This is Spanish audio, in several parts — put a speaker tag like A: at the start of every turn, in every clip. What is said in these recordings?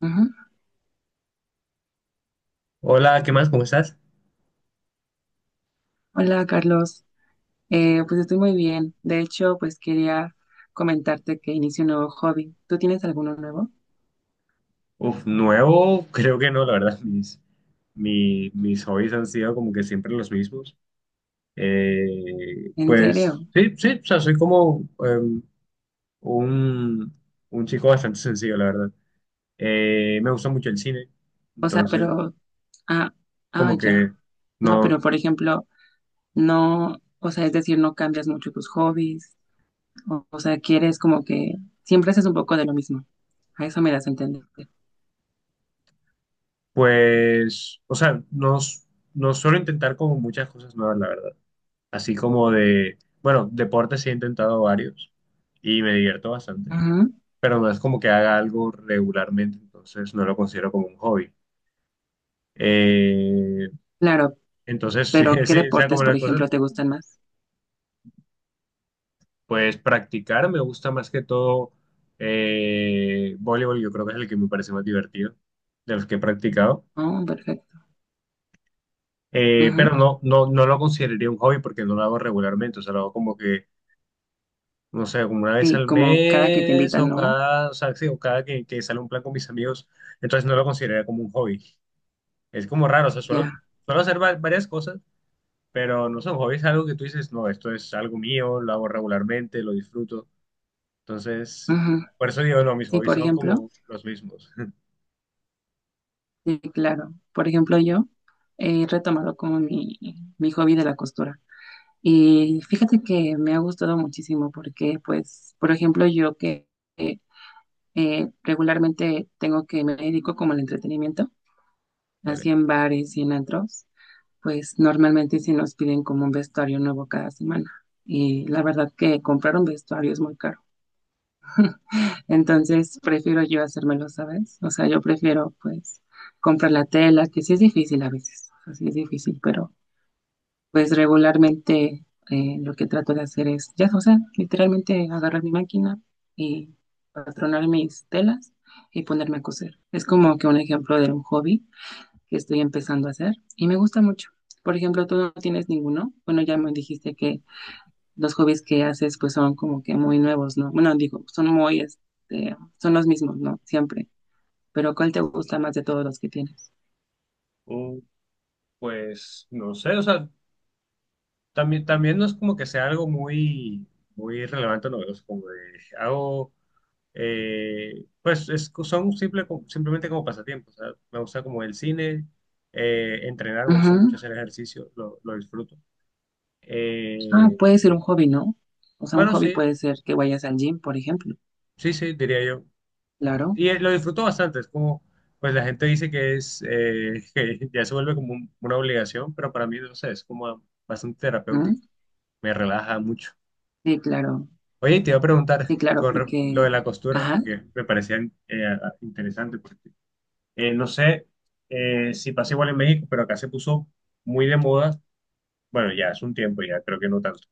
A: Ujú.
B: Hola, ¿qué más? ¿Cómo estás?
A: Hola Carlos, pues estoy muy bien. De hecho, pues quería comentarte que inicio un nuevo hobby. ¿Tú tienes alguno nuevo?
B: Uf, nuevo, creo que no, la verdad, mis hobbies han sido como que siempre los mismos.
A: ¿En
B: Pues
A: serio?
B: sí, sí, o sea, soy como un, un chico bastante sencillo, la verdad. Me gusta mucho el cine,
A: O sea,
B: entonces
A: pero, ah, ah,
B: como
A: ya.
B: que
A: No, pero
B: no,
A: por ejemplo, no, o sea, es decir, no cambias mucho tus hobbies, o sea, quieres como que siempre haces un poco de lo mismo. A eso me das a entender.
B: pues, o sea, no suelo intentar como muchas cosas nuevas, la verdad. Así como de, bueno, deportes sí he intentado varios y me divierto bastante,
A: Ujú.
B: pero no es como que haga algo regularmente, entonces no lo considero como un hobby. Eh,
A: Claro,
B: sí,
A: pero ¿qué
B: sí, o sea,
A: deportes,
B: como
A: por
B: las cosas,
A: ejemplo, te gustan más?
B: pues practicar me gusta más que todo, voleibol, yo creo que es el que me parece más divertido de los que he practicado.
A: Oh, perfecto. Ujú.
B: Pero no, no, no lo consideraría un hobby porque no lo hago regularmente, o sea, lo hago como que, no sé, como una vez
A: Sí,
B: al
A: como cada que te
B: mes
A: invitan,
B: o
A: ¿no?
B: cada, o sea, sí, o cada que sale un plan con mis amigos, entonces no lo consideraría como un hobby. Es como raro, o sea,
A: Ya.
B: suelo hacer varias cosas. Pero no sé, un hobby es algo que tú dices, no, esto es algo mío, lo hago regularmente, lo disfruto. Entonces,
A: Ujú.
B: por eso digo, no, mis
A: Sí,
B: hobbies
A: por
B: son
A: ejemplo,
B: como los mismos.
A: sí, claro. Por ejemplo, yo he retomado como mi hobby de la costura. Y fíjate que me ha gustado muchísimo porque, pues, por ejemplo, yo que eh, regularmente tengo que me dedico como al entretenimiento,
B: Vale.
A: así en bares y en antros, pues normalmente sí nos piden como un vestuario nuevo cada semana. Y la verdad que comprar un vestuario es muy caro. Entonces prefiero yo hacérmelo, ¿sabes? O sea, yo prefiero pues comprar la tela, que sí es difícil a veces, o sea, sí es difícil, pero pues regularmente lo que trato de hacer es, ya, o sea, literalmente agarrar mi máquina y patronar mis telas y ponerme a coser. Es como que un ejemplo de un hobby que estoy empezando a hacer y me gusta mucho. Por ejemplo, tú no tienes ninguno. Bueno, ya me dijiste que los hobbies que haces pues son como que muy nuevos, ¿no? Bueno, digo, son muy, este, son los mismos, ¿no? Siempre. Pero ¿cuál te gusta más de todos los que tienes?
B: Uh, pues no sé, o sea, también no es como que sea algo muy, muy relevante, no, es como de, hago, pues simplemente como pasatiempos, o sea, me gusta como el cine, entrenar, me
A: Ujú.
B: gusta mucho hacer ejercicio, lo disfruto.
A: Ah,
B: Eh,
A: puede ser un hobby, ¿no? O sea, un
B: bueno,
A: hobby
B: sí,
A: puede ser que vayas al gym, por ejemplo.
B: sí, sí, diría yo.
A: Claro.
B: Y lo disfruto bastante, es como, pues la gente dice que es, que ya se vuelve como una obligación, pero para mí, no sé, es como bastante
A: ¿Mm?
B: terapéutico, me relaja mucho.
A: Sí, claro.
B: Oye, y te iba a preguntar
A: Sí, claro,
B: con lo de
A: porque...
B: la costura,
A: Ajá.
B: que me parecía interesante, porque no sé, si pasa igual en México, pero acá se puso muy de moda, bueno, ya es un tiempo, ya creo que no tanto,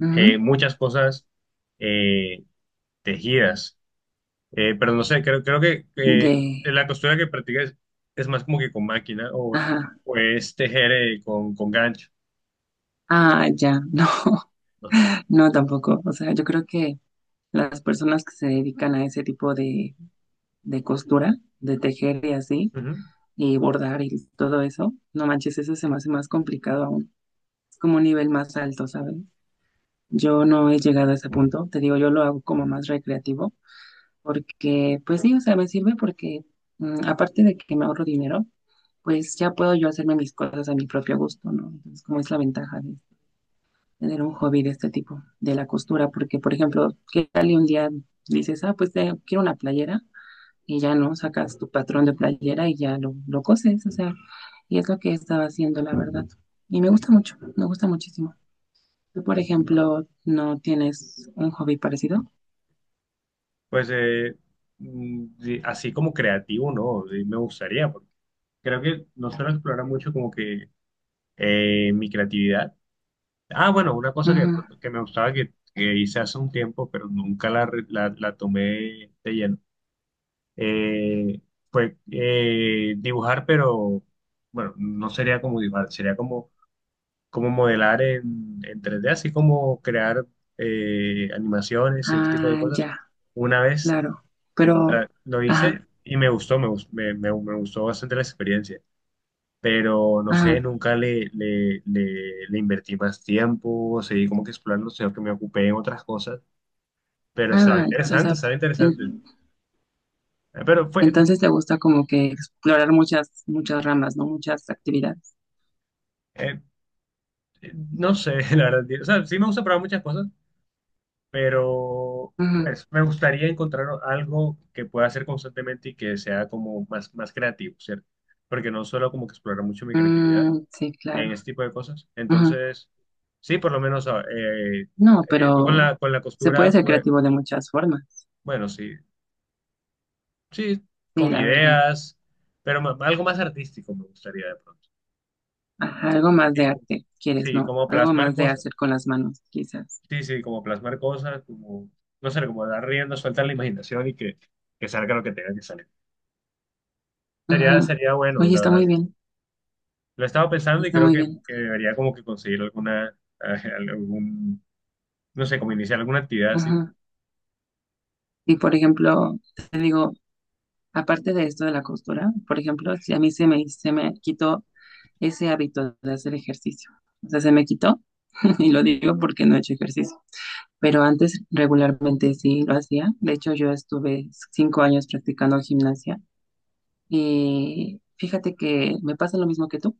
A: Ujú.
B: muchas cosas eh, tejidas. Pero no sé, creo que
A: De...
B: la costura que practicas es más como que con máquina, o,
A: Ajá.
B: o es tejer con gancho,
A: Ah, ya. No,
B: ¿no?
A: no tampoco. O sea, yo creo que las personas que se dedican a ese tipo de costura, de tejer y así,
B: Ujú.
A: y bordar y todo eso. No manches, eso se me hace más complicado aún. Es como un nivel más alto, ¿sabes? Yo no he llegado a ese punto. Te digo, yo lo hago como más recreativo porque, pues sí, o sea, me sirve porque aparte de que me ahorro dinero, pues ya puedo yo hacerme mis cosas a mi propio gusto, ¿no? Entonces, como es la ventaja de tener un hobby de este tipo, de la costura, porque, por ejemplo, ¿qué tal y un día dices, ah, pues quiero una playera? Y ya no sacas tu patrón de playera y ya lo coses, o sea, y es lo que estaba haciendo, la verdad. Y me gusta mucho, me gusta muchísimo. ¿Tú, por ejemplo, no tienes un hobby parecido?
B: Pues sí, así como creativo, ¿no? Sí, me gustaría, porque creo que no suelo explorar mucho como que mi creatividad. Ah, bueno, una cosa que,
A: Ujú.
B: que me gustaba, que hice hace un tiempo, pero nunca la tomé de lleno, eh, fue, dibujar, pero bueno, no sería como dibujar, sería como cómo modelar en 3D, así como crear animaciones, ese tipo de
A: Ah,
B: cosas.
A: ya,
B: Una vez
A: claro. Pero,
B: lo
A: ajá,
B: hice y me gustó, me gustó bastante la experiencia, pero no sé,
A: ajá,
B: nunca le invertí más tiempo, seguí como que explorando, sino que me ocupé en otras cosas, pero estaba
A: ah, o
B: interesante,
A: sea,
B: estaba interesante.
A: en-
B: Eh, Pero fue,
A: entonces te gusta como que explorar muchas, muchas ramas, ¿no? Muchas actividades.
B: eh, no sé, la verdad, o sea, sí me gusta probar muchas cosas, pero
A: Ujú.
B: pues me gustaría encontrar algo que pueda hacer constantemente y que sea como más, más creativo, ¿cierto? Porque no solo como que explorar mucho mi creatividad
A: Mm, sí, claro.
B: en este tipo de cosas.
A: Ujú.
B: Entonces, sí, por lo menos
A: No,
B: tú con
A: pero
B: con la
A: se puede
B: costura,
A: ser
B: pues,
A: creativo de muchas formas.
B: bueno, sí, sí,
A: Sí,
B: con
A: la verdad.
B: ideas, pero algo más artístico me gustaría de pronto.
A: Ajá, algo más
B: Sí,
A: de
B: como,
A: arte, quieres,
B: sí,
A: ¿no?
B: como
A: Algo
B: plasmar
A: más de
B: cosas.
A: hacer con las manos, quizás.
B: Sí, sí, como plasmar cosas, como, no sé, como dar rienda suelta a la imaginación y que salga lo que tenga que salir. Sería,
A: Ajá.
B: sería bueno,
A: Oye,
B: la
A: está muy
B: verdad.
A: bien,
B: Lo he estado pensando y
A: está
B: creo
A: muy bien.
B: que debería como que conseguir alguna, algún, no sé, como iniciar alguna actividad así.
A: Ajá. Y por ejemplo, te digo, aparte de esto de la costura, por ejemplo, si a mí se me quitó ese hábito de hacer ejercicio, o sea, se me quitó, y lo digo porque no he hecho ejercicio, pero antes regularmente sí lo hacía. De hecho, yo estuve 5 años practicando gimnasia. Y fíjate que me pasa lo mismo que tú,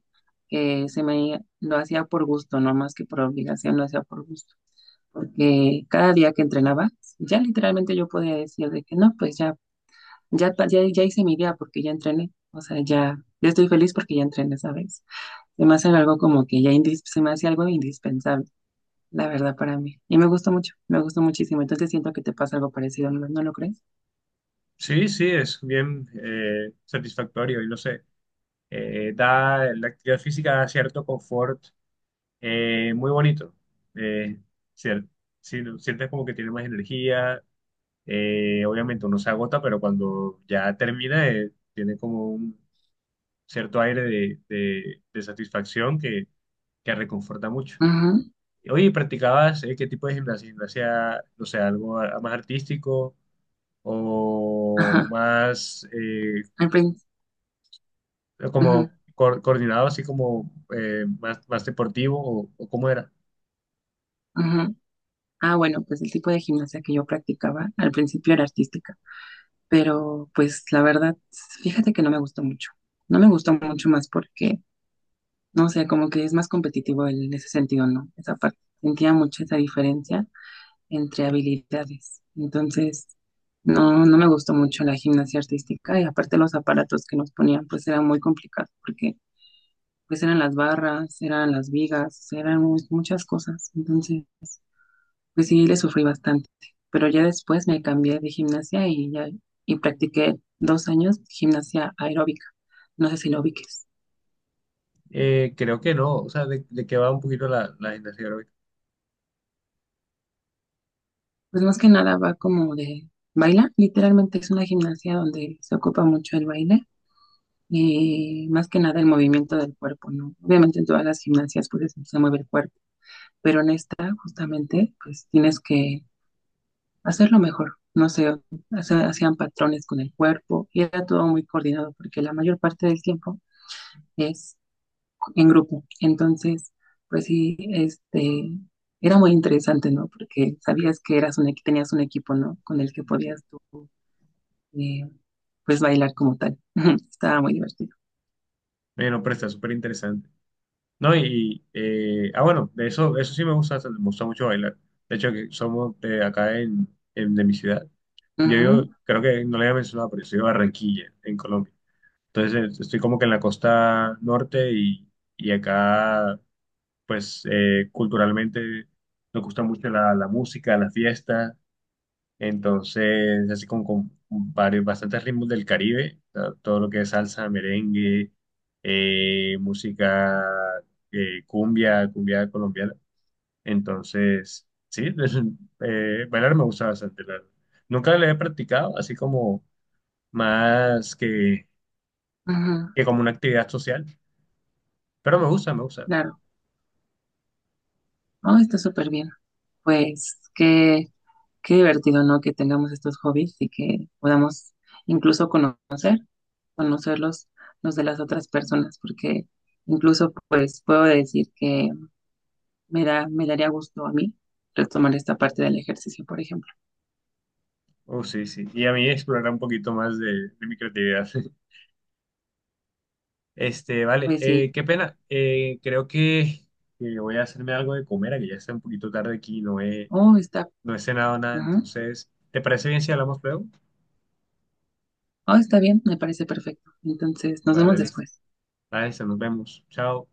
A: que se me lo hacía por gusto, no más que por obligación, lo hacía por gusto. Porque cada día que entrenaba, ya literalmente yo podía decir de que no, pues ya, ya, ya, ya hice mi día porque ya entrené. O sea, ya, ya estoy feliz porque ya entrené, ¿sabes? Se me hace algo como que ya se me hace algo indispensable, la verdad, para mí. Y me gustó mucho, me gustó muchísimo. Entonces siento que te pasa algo parecido, ¿no, no lo crees?
B: Sí, sí, es bien satisfactorio y no sé, da, la actividad física da cierto confort muy bonito. Eh, cier- sí, sientes como que tiene más energía, obviamente uno se agota, pero cuando ya termina tiene como un cierto aire de satisfacción que reconforta mucho.
A: Ujú,
B: Oye, ¿practicabas qué tipo de gimnasia? ¿Gimnasia, no sé, más artístico,
A: ajá.
B: o más
A: Al principio.
B: como coordinado, así como más, más deportivo, o cómo era?
A: Ah, bueno, pues el tipo de gimnasia que yo practicaba al principio era artística, pero pues la verdad, fíjate que no me gustó mucho. No me gustó mucho más porque, no sé, como que es más competitivo en ese sentido, ¿no? Esa parte. Sentía mucho esa diferencia entre habilidades. Entonces, no, no me gustó mucho la gimnasia artística y aparte los aparatos que nos ponían, pues eran muy complicados porque pues eran las barras, eran las vigas, eran muchas cosas. Entonces... Pues sí, le sufrí bastante, pero ya después me cambié de gimnasia y ya y practiqué 2 años gimnasia aeróbica. No sé si lo ubiques.
B: Creo que no, o sea, de qué va un poquito la gimnasia aeróbica.
A: Pues más que nada va como de baila, literalmente es una gimnasia donde se ocupa mucho el baile y más que nada el movimiento del cuerpo, ¿no? Obviamente en todas las gimnasias pues se mueve el cuerpo, pero en esta justamente pues tienes que hacerlo mejor. No sé, hacían patrones con el cuerpo y era todo muy coordinado porque la mayor parte del tiempo es en grupo. Entonces, pues sí, este, era muy interesante, ¿no? Porque sabías que eras un, tenías un equipo, ¿no? Con el que podías tú, eh, pues, bailar como tal. Estaba muy divertido.
B: Bueno, pero está súper interesante. No, y, bueno, de eso, eso sí me gusta mucho bailar. De hecho, que somos de acá de mi ciudad.
A: Ujú,
B: Creo que no le había mencionado, pero yo soy de Barranquilla, en Colombia. Entonces estoy como que en la costa norte y acá, pues culturalmente nos gusta mucho la música, la fiesta, entonces así como con varios, bastantes ritmos del Caribe, o sea, todo lo que es salsa, merengue, música cumbia, cumbia colombiana. Entonces, sí, bailar me gusta bastante. Nunca lo he practicado, así como más
A: ujú,
B: que como una actividad social. Pero me gusta, me gusta.
A: claro. Oh, está súper bien. Pues qué, qué divertido, ¿no? Que tengamos estos hobbies y que podamos incluso conocer, conocerlos los de las otras personas, porque incluso, pues, puedo decir que me da, me daría gusto a mí retomar esta parte del ejercicio, por ejemplo.
B: Oh, sí, sí. Y a mí explorar un poquito más de mi creatividad. Este, vale,
A: Pues sí,
B: qué pena. Creo que voy a hacerme algo de comer, que ya está un poquito tarde aquí,
A: oh, está,
B: no he cenado nada.
A: ajá,
B: Entonces, ¿te parece bien si hablamos luego?
A: oh, está bien, me parece perfecto. Entonces, nos vemos
B: Vale, listo.
A: después.
B: Vale, listo, nos vemos. Chao.